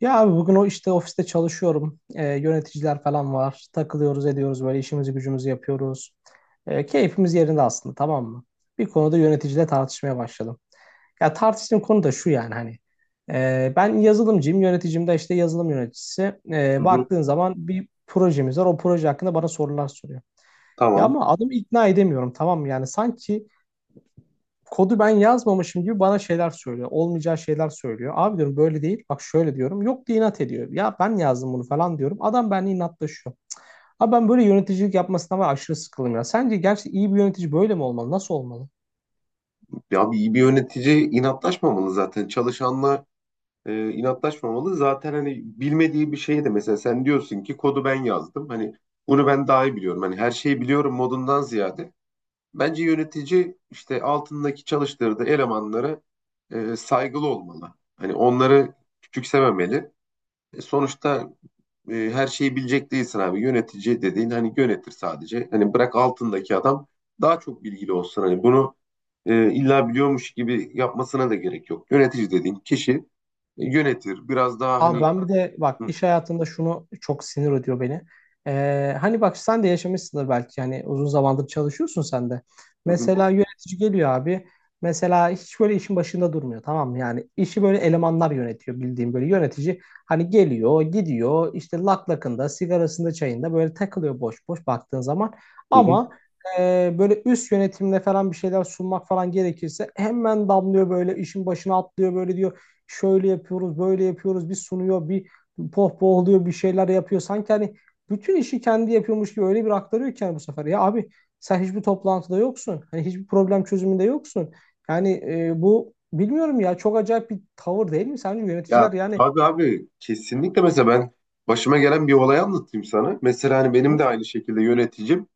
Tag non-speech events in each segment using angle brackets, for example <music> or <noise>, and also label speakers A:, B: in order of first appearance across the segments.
A: Ya abi bugün o işte ofiste çalışıyorum. Yöneticiler falan var. Takılıyoruz, ediyoruz böyle işimizi gücümüzü yapıyoruz. Keyfimiz yerinde aslında, tamam mı? Bir konuda yöneticiyle tartışmaya başladım. Ya tartıştığım konu da şu, yani hani ben yazılımcıyım, yöneticim de işte yazılım yöneticisi.
B: Hı hı.
A: Baktığın zaman bir projemiz var. O proje hakkında bana sorular soruyor. Ya
B: Tamam.
A: ama adamı ikna edemiyorum, tamam mı? Yani sanki kodu ben yazmamışım gibi bana şeyler söylüyor. Olmayacağı şeyler söylüyor. Abi diyorum böyle değil. Bak şöyle diyorum. Yok diye inat ediyor. Ya ben yazdım bunu falan diyorum. Adam benimle inatlaşıyor. Abi ben böyle yöneticilik yapmasına var aşırı sıkıldım ya. Sence gerçi iyi bir yönetici böyle mi olmalı? Nasıl olmalı?
B: Ya bir yönetici inatlaşmamalı zaten. Çalışanla inatlaşmamalı. Zaten hani bilmediği bir şey de mesela sen diyorsun ki kodu ben yazdım. Hani bunu ben daha iyi biliyorum. Hani her şeyi biliyorum modundan ziyade. Bence yönetici işte altındaki çalıştırdığı elemanlara saygılı olmalı. Hani onları küçümsememeli. Sonuçta her şeyi bilecek değilsin abi. Yönetici dediğin hani yönetir sadece. Hani bırak altındaki adam daha çok bilgili olsun. Hani bunu illa biliyormuş gibi yapmasına da gerek yok. Yönetici dediğin kişi yönetir. Biraz daha
A: Abi
B: hani.
A: ben bir de bak
B: Hı,
A: iş hayatında şunu çok sinir ediyor beni. Hani bak sen de yaşamışsındır, belki yani uzun zamandır çalışıyorsun sen de.
B: hı, hı,
A: Mesela yönetici geliyor abi. Mesela hiç böyle işin başında durmuyor, tamam mı? Yani işi böyle elemanlar yönetiyor, bildiğim böyle yönetici. Hani geliyor gidiyor, işte lak lakında, sigarasında, çayında böyle takılıyor boş boş baktığın zaman.
B: hı, hı.
A: Ama böyle üst yönetimle falan bir şeyler sunmak falan gerekirse hemen damlıyor, böyle işin başına atlıyor, böyle diyor şöyle yapıyoruz, böyle yapıyoruz, bir sunuyor, bir pohpohluyor, bir şeyler yapıyor. Sanki hani bütün işi kendi yapıyormuş gibi öyle bir aktarıyor ki yani, bu sefer. Ya abi sen hiçbir toplantıda yoksun. Hani hiçbir problem çözümünde yoksun. Yani bu bilmiyorum ya, çok acayip bir tavır değil mi? Sence
B: Ya
A: yöneticiler yani.
B: tabii abi kesinlikle mesela ben başıma gelen bir olay anlatayım sana. Mesela hani benim
A: Hı.
B: de aynı şekilde yöneticim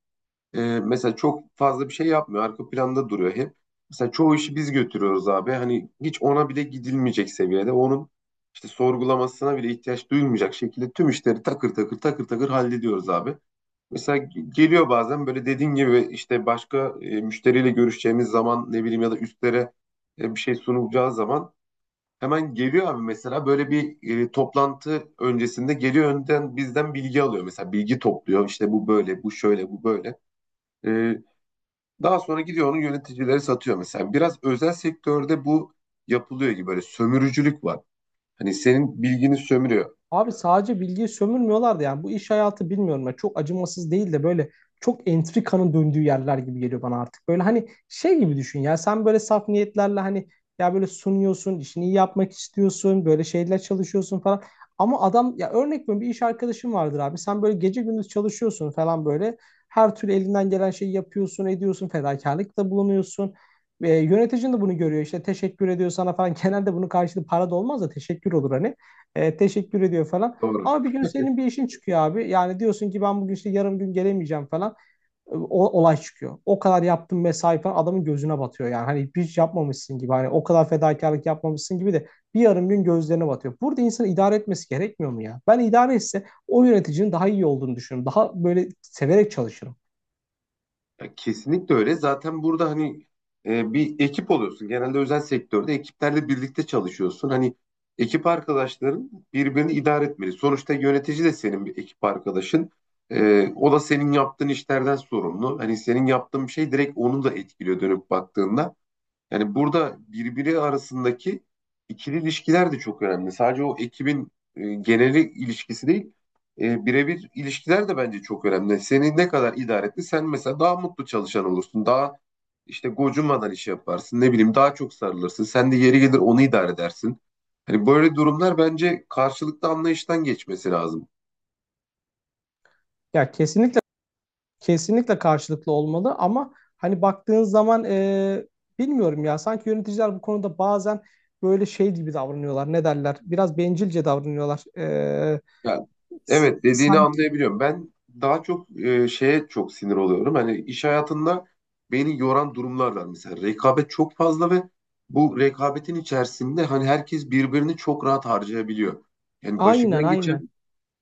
B: mesela çok fazla bir şey yapmıyor. Arka planda duruyor hep. Mesela çoğu işi biz götürüyoruz abi. Hani hiç ona bile gidilmeyecek seviyede. Onun işte sorgulamasına bile ihtiyaç duyulmayacak şekilde tüm işleri takır takır takır takır hallediyoruz abi. Mesela geliyor bazen böyle dediğin gibi işte başka müşteriyle görüşeceğimiz zaman ne bileyim ya da üstlere bir şey sunulacağı zaman hemen geliyor abi mesela böyle bir toplantı öncesinde geliyor önden bizden bilgi alıyor. Mesela bilgi topluyor işte bu böyle bu şöyle bu böyle. E, Daha sonra gidiyor onu yöneticileri satıyor mesela. Biraz özel sektörde bu yapılıyor gibi böyle sömürücülük var. Hani senin bilgini sömürüyor.
A: Abi sadece bilgiyi sömürmüyorlardı yani, bu iş hayatı bilmiyorum ya, çok acımasız değil de böyle çok entrikanın döndüğü yerler gibi geliyor bana artık. Böyle hani şey gibi düşün ya, sen böyle saf niyetlerle hani ya böyle sunuyorsun, işini iyi yapmak istiyorsun, böyle şeyler çalışıyorsun falan. Ama adam, ya örnek veriyorum, bir iş arkadaşım vardır abi, sen böyle gece gündüz çalışıyorsun falan, böyle her türlü elinden gelen şeyi yapıyorsun, ediyorsun, fedakarlıkta bulunuyorsun. Yöneticin de bunu görüyor, işte teşekkür ediyor sana falan. <laughs> Genelde bunun karşılığı para da olmaz da teşekkür olur hani. Teşekkür ediyor falan.
B: Doğru.
A: Ama bir gün senin bir işin çıkıyor abi. Yani diyorsun ki ben bugün işte yarım gün gelemeyeceğim falan. Olay çıkıyor. O kadar yaptın mesai falan, adamın gözüne batıyor yani. Hani hiç yapmamışsın gibi. Hani o kadar fedakarlık yapmamışsın gibi de bir yarım gün gözlerine batıyor. Burada insanı idare etmesi gerekmiyor mu ya? Ben idare etse o yöneticinin daha iyi olduğunu düşünüyorum. Daha böyle severek çalışırım.
B: Ya kesinlikle öyle. Zaten burada hani bir ekip oluyorsun. Genelde özel sektörde ekiplerle birlikte çalışıyorsun. Hani ekip arkadaşların birbirini idare etmeli. Sonuçta yönetici de senin bir ekip arkadaşın. O da senin yaptığın işlerden sorumlu. Hani senin yaptığın bir şey direkt onu da etkiliyor dönüp baktığında. Yani burada birbiri arasındaki ikili ilişkiler de çok önemli. Sadece o ekibin geneli ilişkisi değil, birebir ilişkiler de bence çok önemli. Seni ne kadar idare etti, sen mesela daha mutlu çalışan olursun, daha işte gocunmadan iş yaparsın, ne bileyim daha çok sarılırsın. Sen de yeri gelir onu idare edersin. Hani böyle durumlar bence karşılıklı anlayıştan geçmesi lazım.
A: Ya kesinlikle. Kesinlikle karşılıklı olmalı ama hani baktığın zaman bilmiyorum ya, sanki yöneticiler bu konuda bazen böyle şey gibi davranıyorlar. Ne derler? Biraz bencilce davranıyorlar.
B: Ya, evet dediğini
A: Sanki
B: anlayabiliyorum. Ben daha çok şeye çok sinir oluyorum. Hani iş hayatında beni yoran durumlar var. Mesela rekabet çok fazla ve bu rekabetin içerisinde hani herkes birbirini çok rahat harcayabiliyor. Yani
A: aynen, aynen.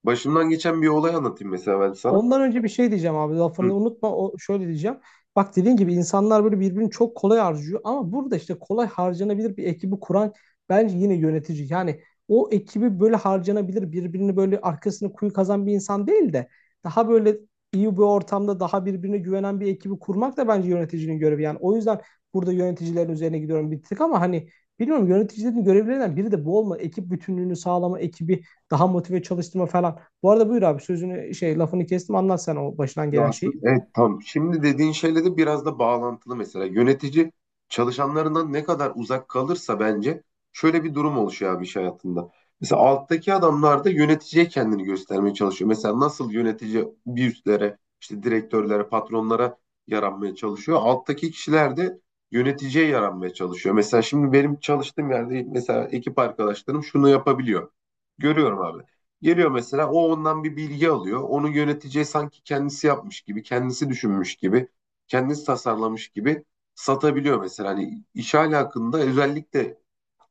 B: başımdan geçen bir olay anlatayım mesela ben sana.
A: Ondan önce bir şey diyeceğim abi,
B: Hı.
A: lafını unutma, o şöyle diyeceğim. Bak, dediğin gibi insanlar böyle birbirini çok kolay harcıyor, ama burada işte kolay harcanabilir bir ekibi kuran bence yine yönetici. Yani o ekibi böyle harcanabilir, birbirini böyle arkasını kuyu kazan bir insan değil de daha böyle iyi bir ortamda, daha birbirine güvenen bir ekibi kurmak da bence yöneticinin görevi. Yani o yüzden burada yöneticilerin üzerine gidiyorum bir tık, ama hani bilmiyorum, yöneticilerin görevlerinden biri de bu olma. Ekip bütünlüğünü sağlama, ekibi daha motive çalıştırma falan. Bu arada buyur abi, sözünü şey, lafını kestim, anlat sen o başından
B: Ya
A: gelen
B: aslında
A: şeyi.
B: evet tam. Şimdi dediğin şeyle de biraz da bağlantılı mesela. Yönetici çalışanlarından ne kadar uzak kalırsa bence şöyle bir durum oluşuyor abi iş hayatında. Mesela alttaki adamlar da yöneticiye kendini göstermeye çalışıyor. Mesela nasıl yönetici bir üstlere, işte direktörlere, patronlara yaranmaya çalışıyor. Alttaki kişiler de yöneticiye yaranmaya çalışıyor. Mesela şimdi benim çalıştığım yerde mesela ekip arkadaşlarım şunu yapabiliyor. Görüyorum abi. Geliyor mesela o ondan bir bilgi alıyor. Onu yöneteceği sanki kendisi yapmış gibi, kendisi düşünmüş gibi, kendisi tasarlamış gibi satabiliyor mesela. Hani iş alakında özellikle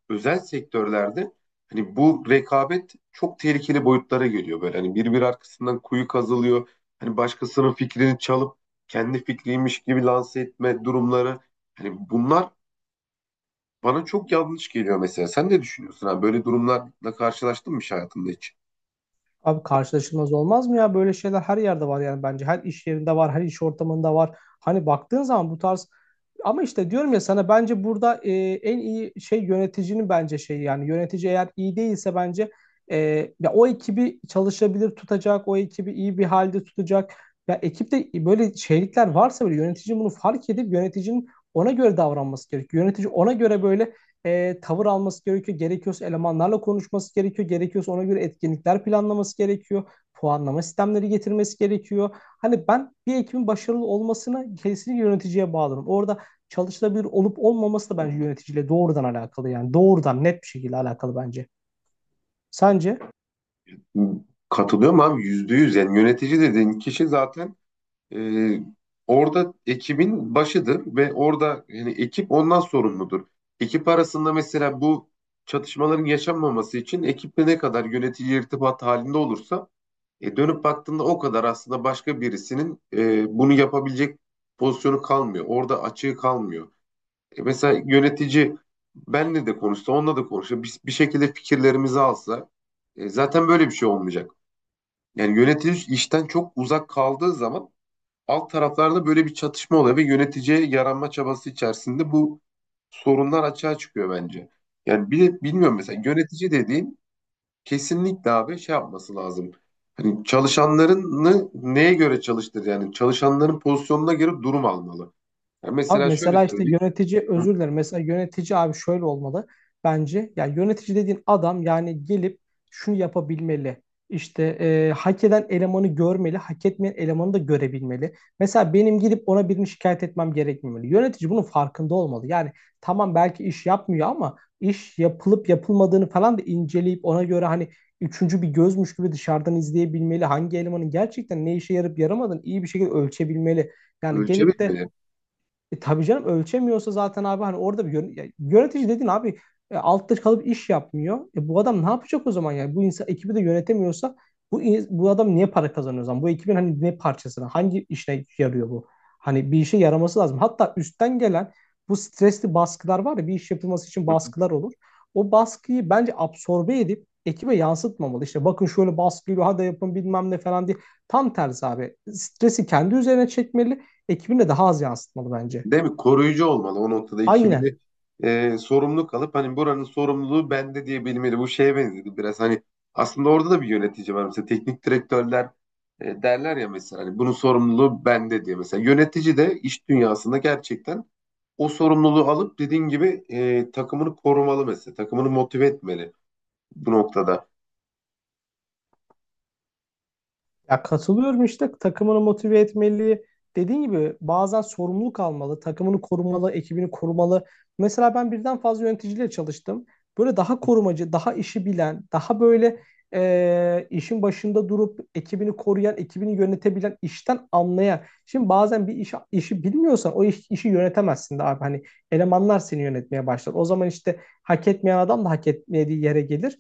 B: özel sektörlerde hani bu rekabet çok tehlikeli boyutlara geliyor böyle. Hani birbir arkasından kuyu kazılıyor. Hani başkasının fikrini çalıp kendi fikriymiş gibi lanse etme durumları. Hani bunlar bana çok yanlış geliyor mesela. Sen ne düşünüyorsun? Hani böyle durumlarla karşılaştın mı hiç hayatında hiç?
A: Abi karşılaşılmaz olmaz mı ya? Böyle şeyler her yerde var yani bence. Her iş yerinde var, her iş ortamında var. Hani baktığın zaman bu tarz. Ama işte diyorum ya sana, bence burada en iyi şey yöneticinin bence şeyi, yani yönetici eğer iyi değilse bence e, ya o ekibi çalışabilir tutacak, o ekibi iyi bir halde tutacak. Ya ekipte böyle şeylikler varsa böyle yönetici bunu fark edip yöneticinin ona göre davranması gerekiyor. Yönetici ona göre böyle tavır alması gerekiyor. Gerekiyorsa elemanlarla konuşması gerekiyor. Gerekiyorsa ona göre etkinlikler planlaması gerekiyor. Puanlama sistemleri getirmesi gerekiyor. Hani ben bir ekibin başarılı olmasını kesinlikle yöneticiye bağlarım. Orada çalışılabilir olup olmaması da bence yöneticiyle doğrudan alakalı. Yani doğrudan net bir şekilde alakalı bence. Sence?
B: Katılıyorum abi yüzde yüz, yani yönetici dediğin kişi zaten e, orada ekibin başıdır ve orada yani ekip ondan sorumludur. Ekip arasında mesela bu çatışmaların yaşanmaması için ekiple ne kadar yönetici irtibat halinde olursa dönüp baktığında o kadar aslında başka birisinin bunu yapabilecek pozisyonu kalmıyor. Orada açığı kalmıyor. Mesela yönetici benle de konuşsa onunla da konuşsa bir şekilde fikirlerimizi alsa zaten böyle bir şey olmayacak. Yani yönetici işten çok uzak kaldığı zaman alt taraflarda böyle bir çatışma oluyor ve yöneticiye yaranma çabası içerisinde bu sorunlar açığa çıkıyor bence. Yani bir de bilmiyorum mesela yönetici dediğin kesinlikle abi şey yapması lazım. Hani çalışanlarını neye göre çalıştır, yani çalışanların pozisyonuna göre durum almalı. Yani
A: Abi
B: mesela şöyle
A: mesela işte
B: söyleyeyim.
A: yönetici,
B: Hı.
A: özür dilerim, mesela yönetici abi şöyle olmalı bence. Yani yönetici dediğin adam, yani gelip şunu yapabilmeli. İşte hak eden elemanı görmeli, hak etmeyen elemanı da görebilmeli. Mesela benim gidip ona birini şikayet etmem gerekmemeli. Yönetici bunun farkında olmalı. Yani tamam, belki iş yapmıyor, ama iş yapılıp yapılmadığını falan da inceleyip ona göre hani üçüncü bir gözmüş gibi dışarıdan izleyebilmeli. Hangi elemanın gerçekten ne işe yarıp yaramadığını iyi bir şekilde ölçebilmeli. Yani gelip de
B: Ölçebilmeli.
A: e tabii canım, ölçemiyorsa zaten abi, hani orada bir yönetici dedin abi, altta kalıp iş yapmıyor. E, bu adam ne yapacak o zaman yani? Bu insan ekibi de yönetemiyorsa bu adam niye para kazanıyor o zaman? Bu ekibin hani ne parçasına, hangi işine yarıyor bu? Hani bir işe yaraması lazım. Hatta üstten gelen bu stresli baskılar var ya, bir iş yapılması için baskılar olur. O baskıyı bence absorbe edip ekibe yansıtmamalı. İşte bakın şöyle baskı geliyor, hadi yapın bilmem ne falan diye. Tam tersi abi. Stresi kendi üzerine çekmeli, ekibine daha az yansıtmalı bence.
B: Değil mi? Koruyucu olmalı o noktada
A: Aynen.
B: ekibini, sorumluluk alıp hani buranın sorumluluğu bende diye bilmeli. Bu şeye benzedi biraz hani, aslında orada da bir yönetici var. Mesela teknik direktörler derler ya mesela hani bunun sorumluluğu bende diye. Mesela yönetici de iş dünyasında gerçekten o sorumluluğu alıp dediğin gibi takımını korumalı mesela. Takımını motive etmeli bu noktada.
A: Ya katılıyorum, işte takımını motive etmeli. Dediğin gibi bazen sorumluluk almalı, takımını korumalı, ekibini korumalı. Mesela ben birden fazla yöneticiyle çalıştım. Böyle daha korumacı, daha işi bilen, daha böyle işin başında durup ekibini koruyan, ekibini yönetebilen, işten anlayan. Şimdi bazen bir işi bilmiyorsan o işi yönetemezsin de abi. Hani elemanlar seni yönetmeye başlar. O zaman işte hak etmeyen adam da hak etmediği yere gelir.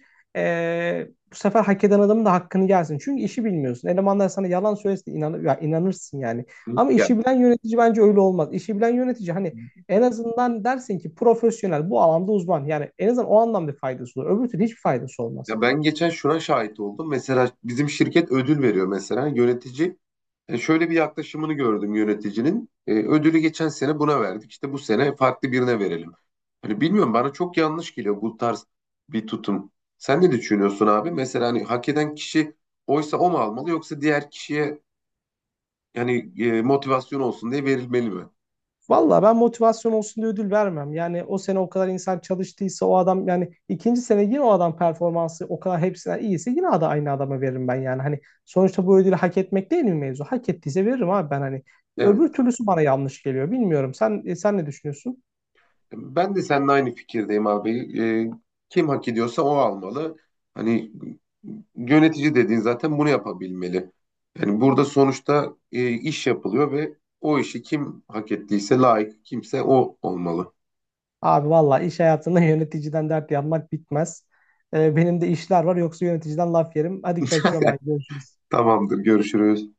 A: Bu sefer hak eden adamın da hakkını gelsin. Çünkü işi bilmiyorsun. Elemanlar sana yalan söylesin inanır, ya inanırsın yani.
B: Hı?
A: Ama
B: Yani.
A: işi bilen yönetici bence öyle olmaz. İşi bilen yönetici hani en azından dersin ki profesyonel, bu alanda uzman. Yani en azından o anlamda faydası olur. Öbür türlü hiçbir faydası olmaz.
B: Ya ben geçen şuna şahit oldum. Mesela bizim şirket ödül veriyor mesela yönetici. Şöyle bir yaklaşımını gördüm yöneticinin. E, ödülü geçen sene buna verdik. İşte bu sene farklı birine verelim. Hani bilmiyorum bana çok yanlış geliyor bu tarz bir tutum. Sen ne düşünüyorsun abi? Mesela hani hak eden kişi oysa o mu almalı, yoksa diğer kişiye yani motivasyon olsun diye verilmeli mi?
A: Valla ben motivasyon olsun diye ödül vermem. Yani o sene o kadar insan çalıştıysa o adam, yani ikinci sene yine o adam performansı o kadar hepsinden iyiyse yine aynı adama veririm ben yani. Hani sonuçta bu ödülü hak etmek değil mi mevzu? Hak ettiyse veririm abi ben hani.
B: Evet.
A: Öbür türlüsü bana yanlış geliyor. Bilmiyorum. Sen ne düşünüyorsun?
B: Ben de seninle aynı fikirdeyim abi. Kim hak ediyorsa o almalı. Hani yönetici dediğin zaten bunu yapabilmeli. Yani burada sonuçta iş yapılıyor ve o işi kim hak ettiyse layık kimse o olmalı.
A: Abi valla iş hayatında <laughs> yöneticiden dert yanmak bitmez. Benim de işler var, yoksa yöneticiden laf yerim. Hadi kaçıyorum ben.
B: <laughs>
A: Görüşürüz.
B: Tamamdır, görüşürüz.